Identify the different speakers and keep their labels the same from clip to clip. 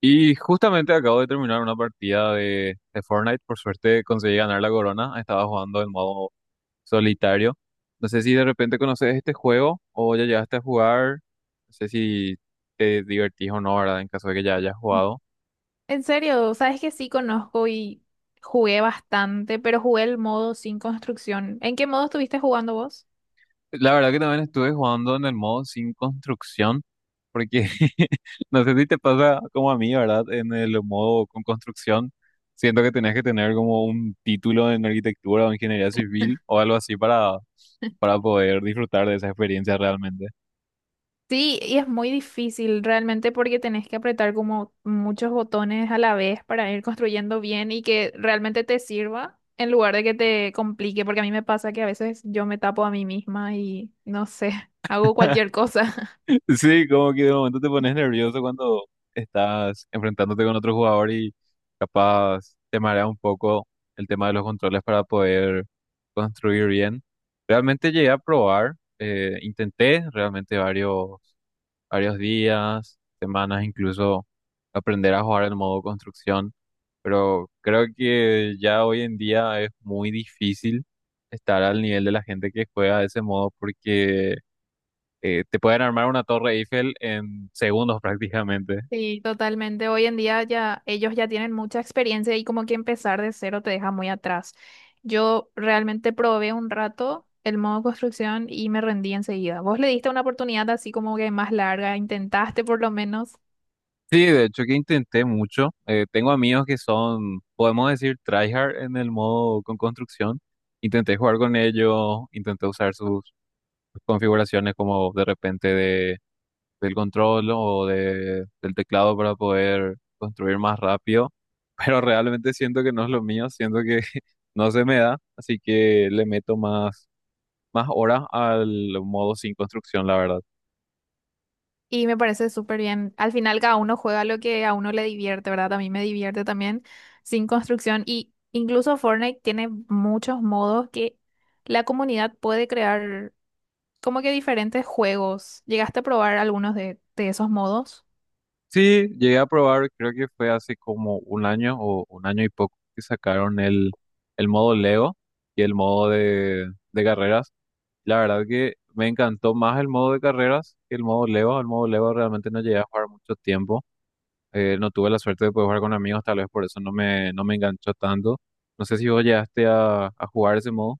Speaker 1: Y justamente acabo de terminar una partida de Fortnite. Por suerte conseguí ganar la corona. Estaba jugando en modo solitario. No sé si de repente conoces este juego o ya llegaste a jugar. No sé si te divertís o no, ¿verdad? En caso de que ya hayas jugado.
Speaker 2: En serio, sabes que sí conozco y jugué bastante, pero jugué el modo sin construcción. ¿En qué modo estuviste jugando vos?
Speaker 1: La verdad que también estuve jugando en el modo sin construcción, porque no sé si te pasa como a mí, ¿verdad? En el modo con construcción, siento que tenés que tener como un título en arquitectura o ingeniería civil o algo así para poder disfrutar de esa experiencia realmente.
Speaker 2: Sí, y es muy difícil realmente porque tenés que apretar como muchos botones a la vez para ir construyendo bien y que realmente te sirva en lugar de que te complique, porque a mí me pasa que a veces yo me tapo a mí misma y no sé, hago cualquier cosa.
Speaker 1: Sí, como que de momento te pones nervioso cuando estás enfrentándote con otro jugador y capaz te marea un poco el tema de los controles para poder construir bien. Realmente llegué a probar, intenté realmente varios días, semanas, incluso aprender a jugar el modo construcción, pero creo que ya hoy en día es muy difícil estar al nivel de la gente que juega de ese modo porque te pueden armar una torre Eiffel en segundos prácticamente.
Speaker 2: Sí, totalmente. Hoy en día ya ellos ya tienen mucha experiencia y como que empezar de cero te deja muy atrás. Yo realmente probé un rato el modo construcción y me rendí enseguida. Vos le diste una oportunidad así como que más larga, intentaste por lo menos
Speaker 1: Sí, de hecho que intenté mucho. Tengo amigos que son, podemos decir, tryhard en el modo con construcción. Intenté jugar con ellos, intenté usar sus configuraciones como de repente de del control o del teclado para poder construir más rápido, pero realmente siento que no es lo mío, siento que no se me da, así que le meto más, más horas al modo sin construcción, la verdad.
Speaker 2: y me parece súper bien. Al final cada uno juega lo que a uno le divierte, ¿verdad? A mí me divierte también sin construcción y incluso Fortnite tiene muchos modos que la comunidad puede crear como que diferentes juegos. ¿Llegaste a probar algunos de esos modos?
Speaker 1: Sí, llegué a probar, creo que fue hace como un año o un año y poco que sacaron el modo Lego y el modo de carreras. La verdad que me encantó más el modo de carreras que el modo Lego. El modo Lego realmente no llegué a jugar mucho tiempo. No tuve la suerte de poder jugar con amigos, tal vez por eso no me enganchó tanto. No sé si vos llegaste a jugar ese modo.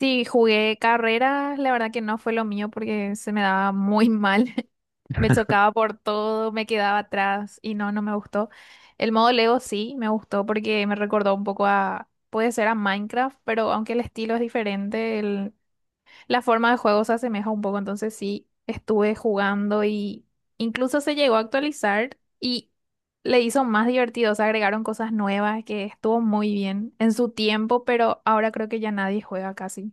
Speaker 2: Sí, jugué carreras, la verdad que no fue lo mío porque se me daba muy mal. Me chocaba por todo, me quedaba atrás y no, no me gustó. El modo Lego sí me gustó porque me recordó un poco a, puede ser a Minecraft, pero aunque el estilo es diferente, el, la forma de juego se asemeja un poco, entonces sí, estuve jugando y incluso se llegó a actualizar y le hizo más divertido, se agregaron cosas nuevas que estuvo muy bien en su tiempo, pero ahora creo que ya nadie juega casi.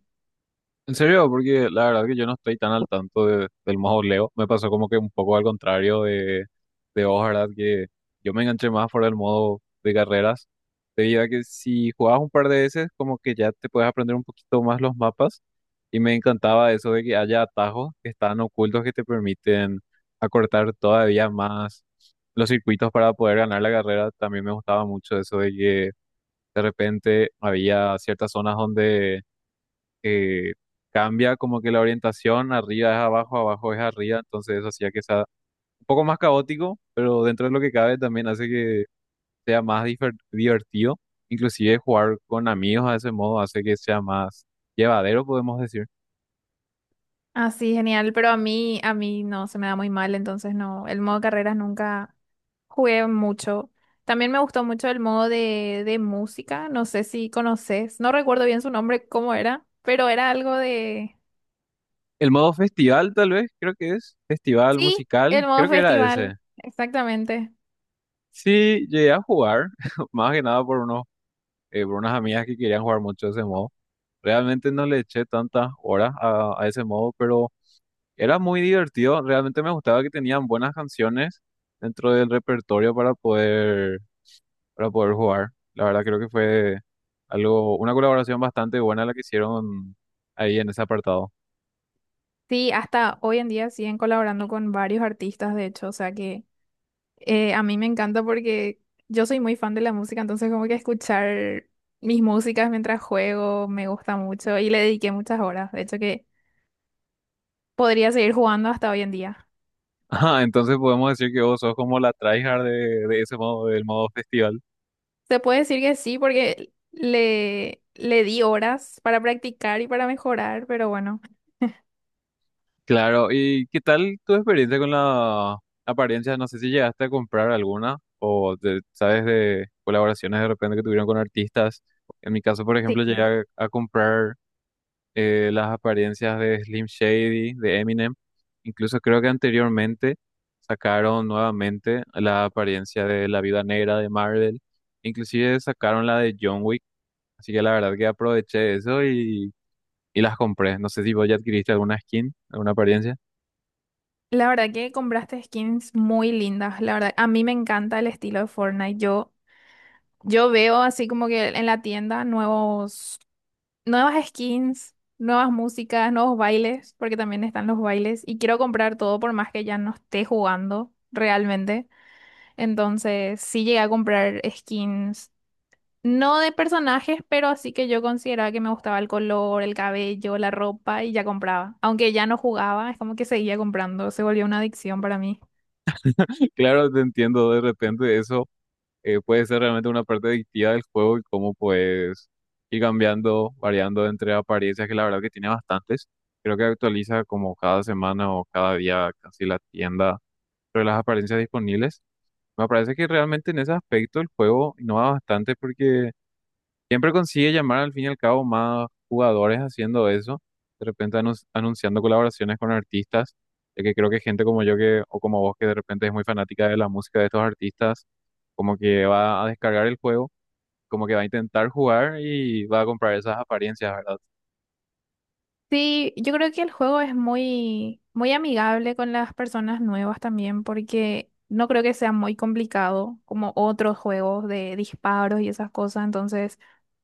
Speaker 1: ¿En serio? Porque la verdad que yo no estoy tan al tanto de- del modo Leo. Me pasó como que un poco al contrario de vos, ¿verdad? Que yo me enganché más por el modo de carreras, debido a que si jugabas un par de veces, como que ya te puedes aprender un poquito más los mapas. Y me encantaba eso de que haya atajos que están ocultos que te permiten acortar todavía más los circuitos para poder ganar la carrera. También me gustaba mucho eso de que de repente había ciertas zonas donde eh, cambia como que la orientación, arriba es abajo, abajo es arriba, entonces eso hacía que se un poco más caótico, pero dentro de lo que cabe también hace que sea más difer- divertido. Inclusive jugar con amigos a ese modo hace que sea más llevadero, podemos decir.
Speaker 2: Así, genial, pero a mí no, se me da muy mal, entonces no, el modo carreras nunca jugué mucho. También me gustó mucho el modo de música, no sé si conoces, no recuerdo bien su nombre, cómo era, pero era algo de...
Speaker 1: El modo festival, tal vez, creo que es. Festival
Speaker 2: Sí,
Speaker 1: musical,
Speaker 2: el modo
Speaker 1: creo que era ese.
Speaker 2: festival, exactamente.
Speaker 1: Sí, llegué a jugar, más que nada por unos, por unas amigas que querían jugar mucho ese modo. Realmente no le eché tantas horas a ese modo, pero era muy divertido. Realmente me gustaba que tenían buenas canciones dentro del repertorio para poder jugar. La verdad creo que fue algo, una colaboración bastante buena la que hicieron ahí en ese apartado.
Speaker 2: Sí, hasta hoy en día siguen colaborando con varios artistas, de hecho, o sea que a mí me encanta porque yo soy muy fan de la música, entonces como que escuchar mis músicas mientras juego me gusta mucho y le dediqué muchas horas, de hecho que podría seguir jugando hasta hoy en día.
Speaker 1: Ah, entonces podemos decir que vos sos como la tryhard de ese modo, del modo festival.
Speaker 2: Se puede decir que sí porque le di horas para practicar y para mejorar, pero bueno.
Speaker 1: Claro, ¿y qué tal tu experiencia con la apariencia? No sé si llegaste a comprar alguna o te- sabes de colaboraciones de repente que tuvieron con artistas. En mi caso, por ejemplo, llegué
Speaker 2: Sí.
Speaker 1: a comprar las apariencias de Slim Shady, de Eminem. Incluso creo que anteriormente sacaron nuevamente la apariencia de La Viuda Negra de Marvel. Inclusive sacaron la de John Wick. Así que la verdad que aproveché eso y las compré. No sé si vos ya adquiriste alguna skin, alguna apariencia.
Speaker 2: La verdad que compraste skins muy lindas. La verdad, a mí me encanta el estilo de Fortnite. Yo veo así como que en la tienda nuevos, nuevas skins, nuevas músicas, nuevos bailes, porque también están los bailes. Y quiero comprar todo por más que ya no esté jugando realmente. Entonces, sí llegué a comprar skins, no de personajes, pero así que yo consideraba que me gustaba el color, el cabello, la ropa y ya compraba. Aunque ya no jugaba, es como que seguía comprando. Se volvió una adicción para mí.
Speaker 1: Claro, te entiendo de repente eso. Puede ser realmente una parte adictiva del juego y cómo puedes ir cambiando, variando entre apariencias, que la verdad que tiene bastantes. Creo que actualiza como cada semana o cada día casi la tienda sobre las apariencias disponibles. Me parece que realmente en ese aspecto el juego innova bastante porque siempre consigue llamar al fin y al cabo más jugadores haciendo eso, de repente anun- anunciando colaboraciones con artistas, ya que creo que gente como yo que, o como vos que de repente es muy fanática de la música de estos artistas, como que va a descargar el juego, como que va a intentar jugar y va a comprar esas apariencias, ¿verdad?
Speaker 2: Sí, yo creo que el juego es muy, muy amigable con las personas nuevas también, porque no creo que sea muy complicado como otros juegos de disparos y esas cosas. Entonces,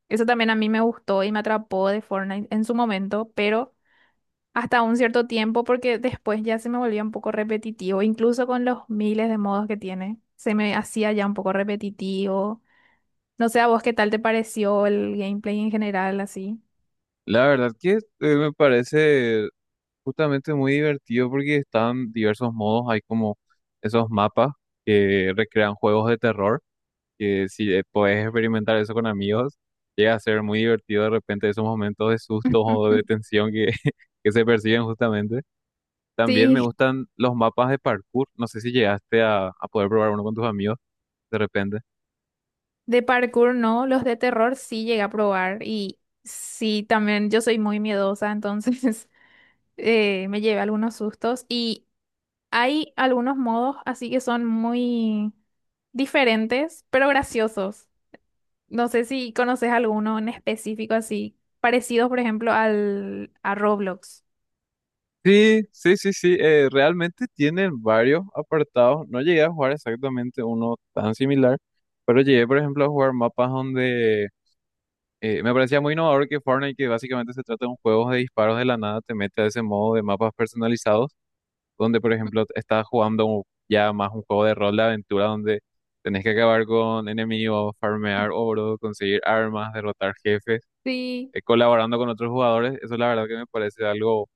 Speaker 2: eso también a mí me gustó y me atrapó de Fortnite en su momento, pero hasta un cierto tiempo, porque después ya se me volvía un poco repetitivo, incluso con los miles de modos que tiene, se me hacía ya un poco repetitivo. No sé a vos qué tal te pareció el gameplay en general, así.
Speaker 1: La verdad que me parece justamente muy divertido porque están diversos modos, hay como esos mapas que recrean juegos de terror que si podés experimentar eso con amigos, llega a ser muy divertido de repente esos momentos de susto o de tensión que, que se perciben justamente. También me
Speaker 2: Sí.
Speaker 1: gustan los mapas de parkour. No sé si llegaste a poder probar uno con tus amigos de repente.
Speaker 2: De parkour no, los de terror sí llegué a probar y sí, también yo soy muy miedosa, entonces me llevé algunos sustos y hay algunos modos así que son muy diferentes, pero graciosos. No sé si conoces alguno en específico así, parecido por ejemplo al a Roblox.
Speaker 1: Sí, sí, sí, sí. Realmente tienen varios apartados. No llegué a jugar exactamente uno tan similar, pero llegué, por ejemplo, a jugar mapas donde me parecía muy innovador que Fortnite, que básicamente se trata de un juego de disparos de la nada, te mete a ese modo de mapas personalizados donde por ejemplo estás jugando un- ya más un juego de rol de aventura donde tenés que acabar con enemigos, farmear oro, conseguir armas, derrotar jefes,
Speaker 2: Sí,
Speaker 1: colaborando con otros jugadores. Eso la verdad que me parece algo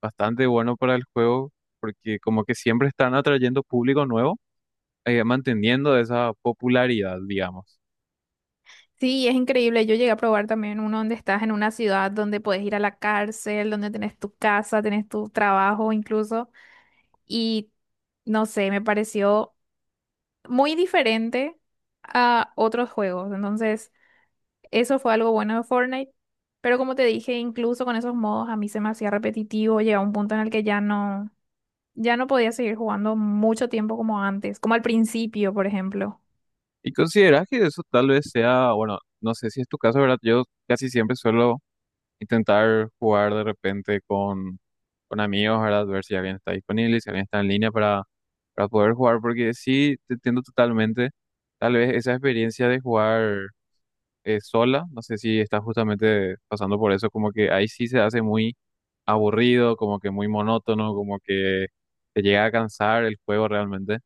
Speaker 1: bastante bueno para el juego porque como que siempre están atrayendo público nuevo, manteniendo esa popularidad, digamos.
Speaker 2: sí, es increíble. Yo llegué a probar también uno donde estás en una ciudad donde puedes ir a la cárcel, donde tenés tu casa, tenés tu trabajo incluso. Y no sé, me pareció muy diferente a otros juegos. Entonces, eso fue algo bueno de Fortnite. Pero como te dije, incluso con esos modos a mí se me hacía repetitivo, llegaba un punto en el que ya no, ya no podía seguir jugando mucho tiempo como antes, como al principio, por ejemplo.
Speaker 1: ¿Y consideras que eso tal vez sea, bueno, no sé si es tu caso, ¿verdad? Yo casi siempre suelo intentar jugar de repente con amigos, ¿verdad? Ver si alguien está disponible, si alguien está en línea para poder jugar, porque sí, te entiendo totalmente. Tal vez esa experiencia de jugar sola, no sé si estás justamente pasando por eso, como que ahí sí se hace muy aburrido, como que muy monótono, como que te llega a cansar el juego realmente.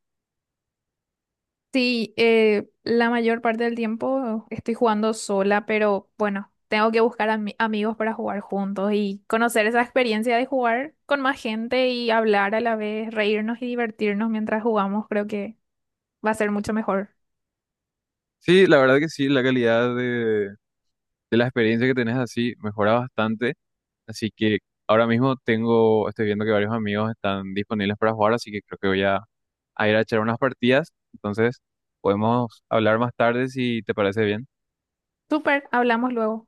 Speaker 2: Sí, la mayor parte del tiempo estoy jugando sola, pero bueno, tengo que buscar amigos para jugar juntos y conocer esa experiencia de jugar con más gente y hablar a la vez, reírnos y divertirnos mientras jugamos, creo que va a ser mucho mejor.
Speaker 1: Sí, la verdad que sí, la calidad de la experiencia que tenés así mejora bastante, así que ahora mismo tengo, estoy viendo que varios amigos están disponibles para jugar, así que creo que voy a ir a echar unas partidas. Entonces, podemos hablar más tarde si te parece bien.
Speaker 2: Súper, hablamos luego.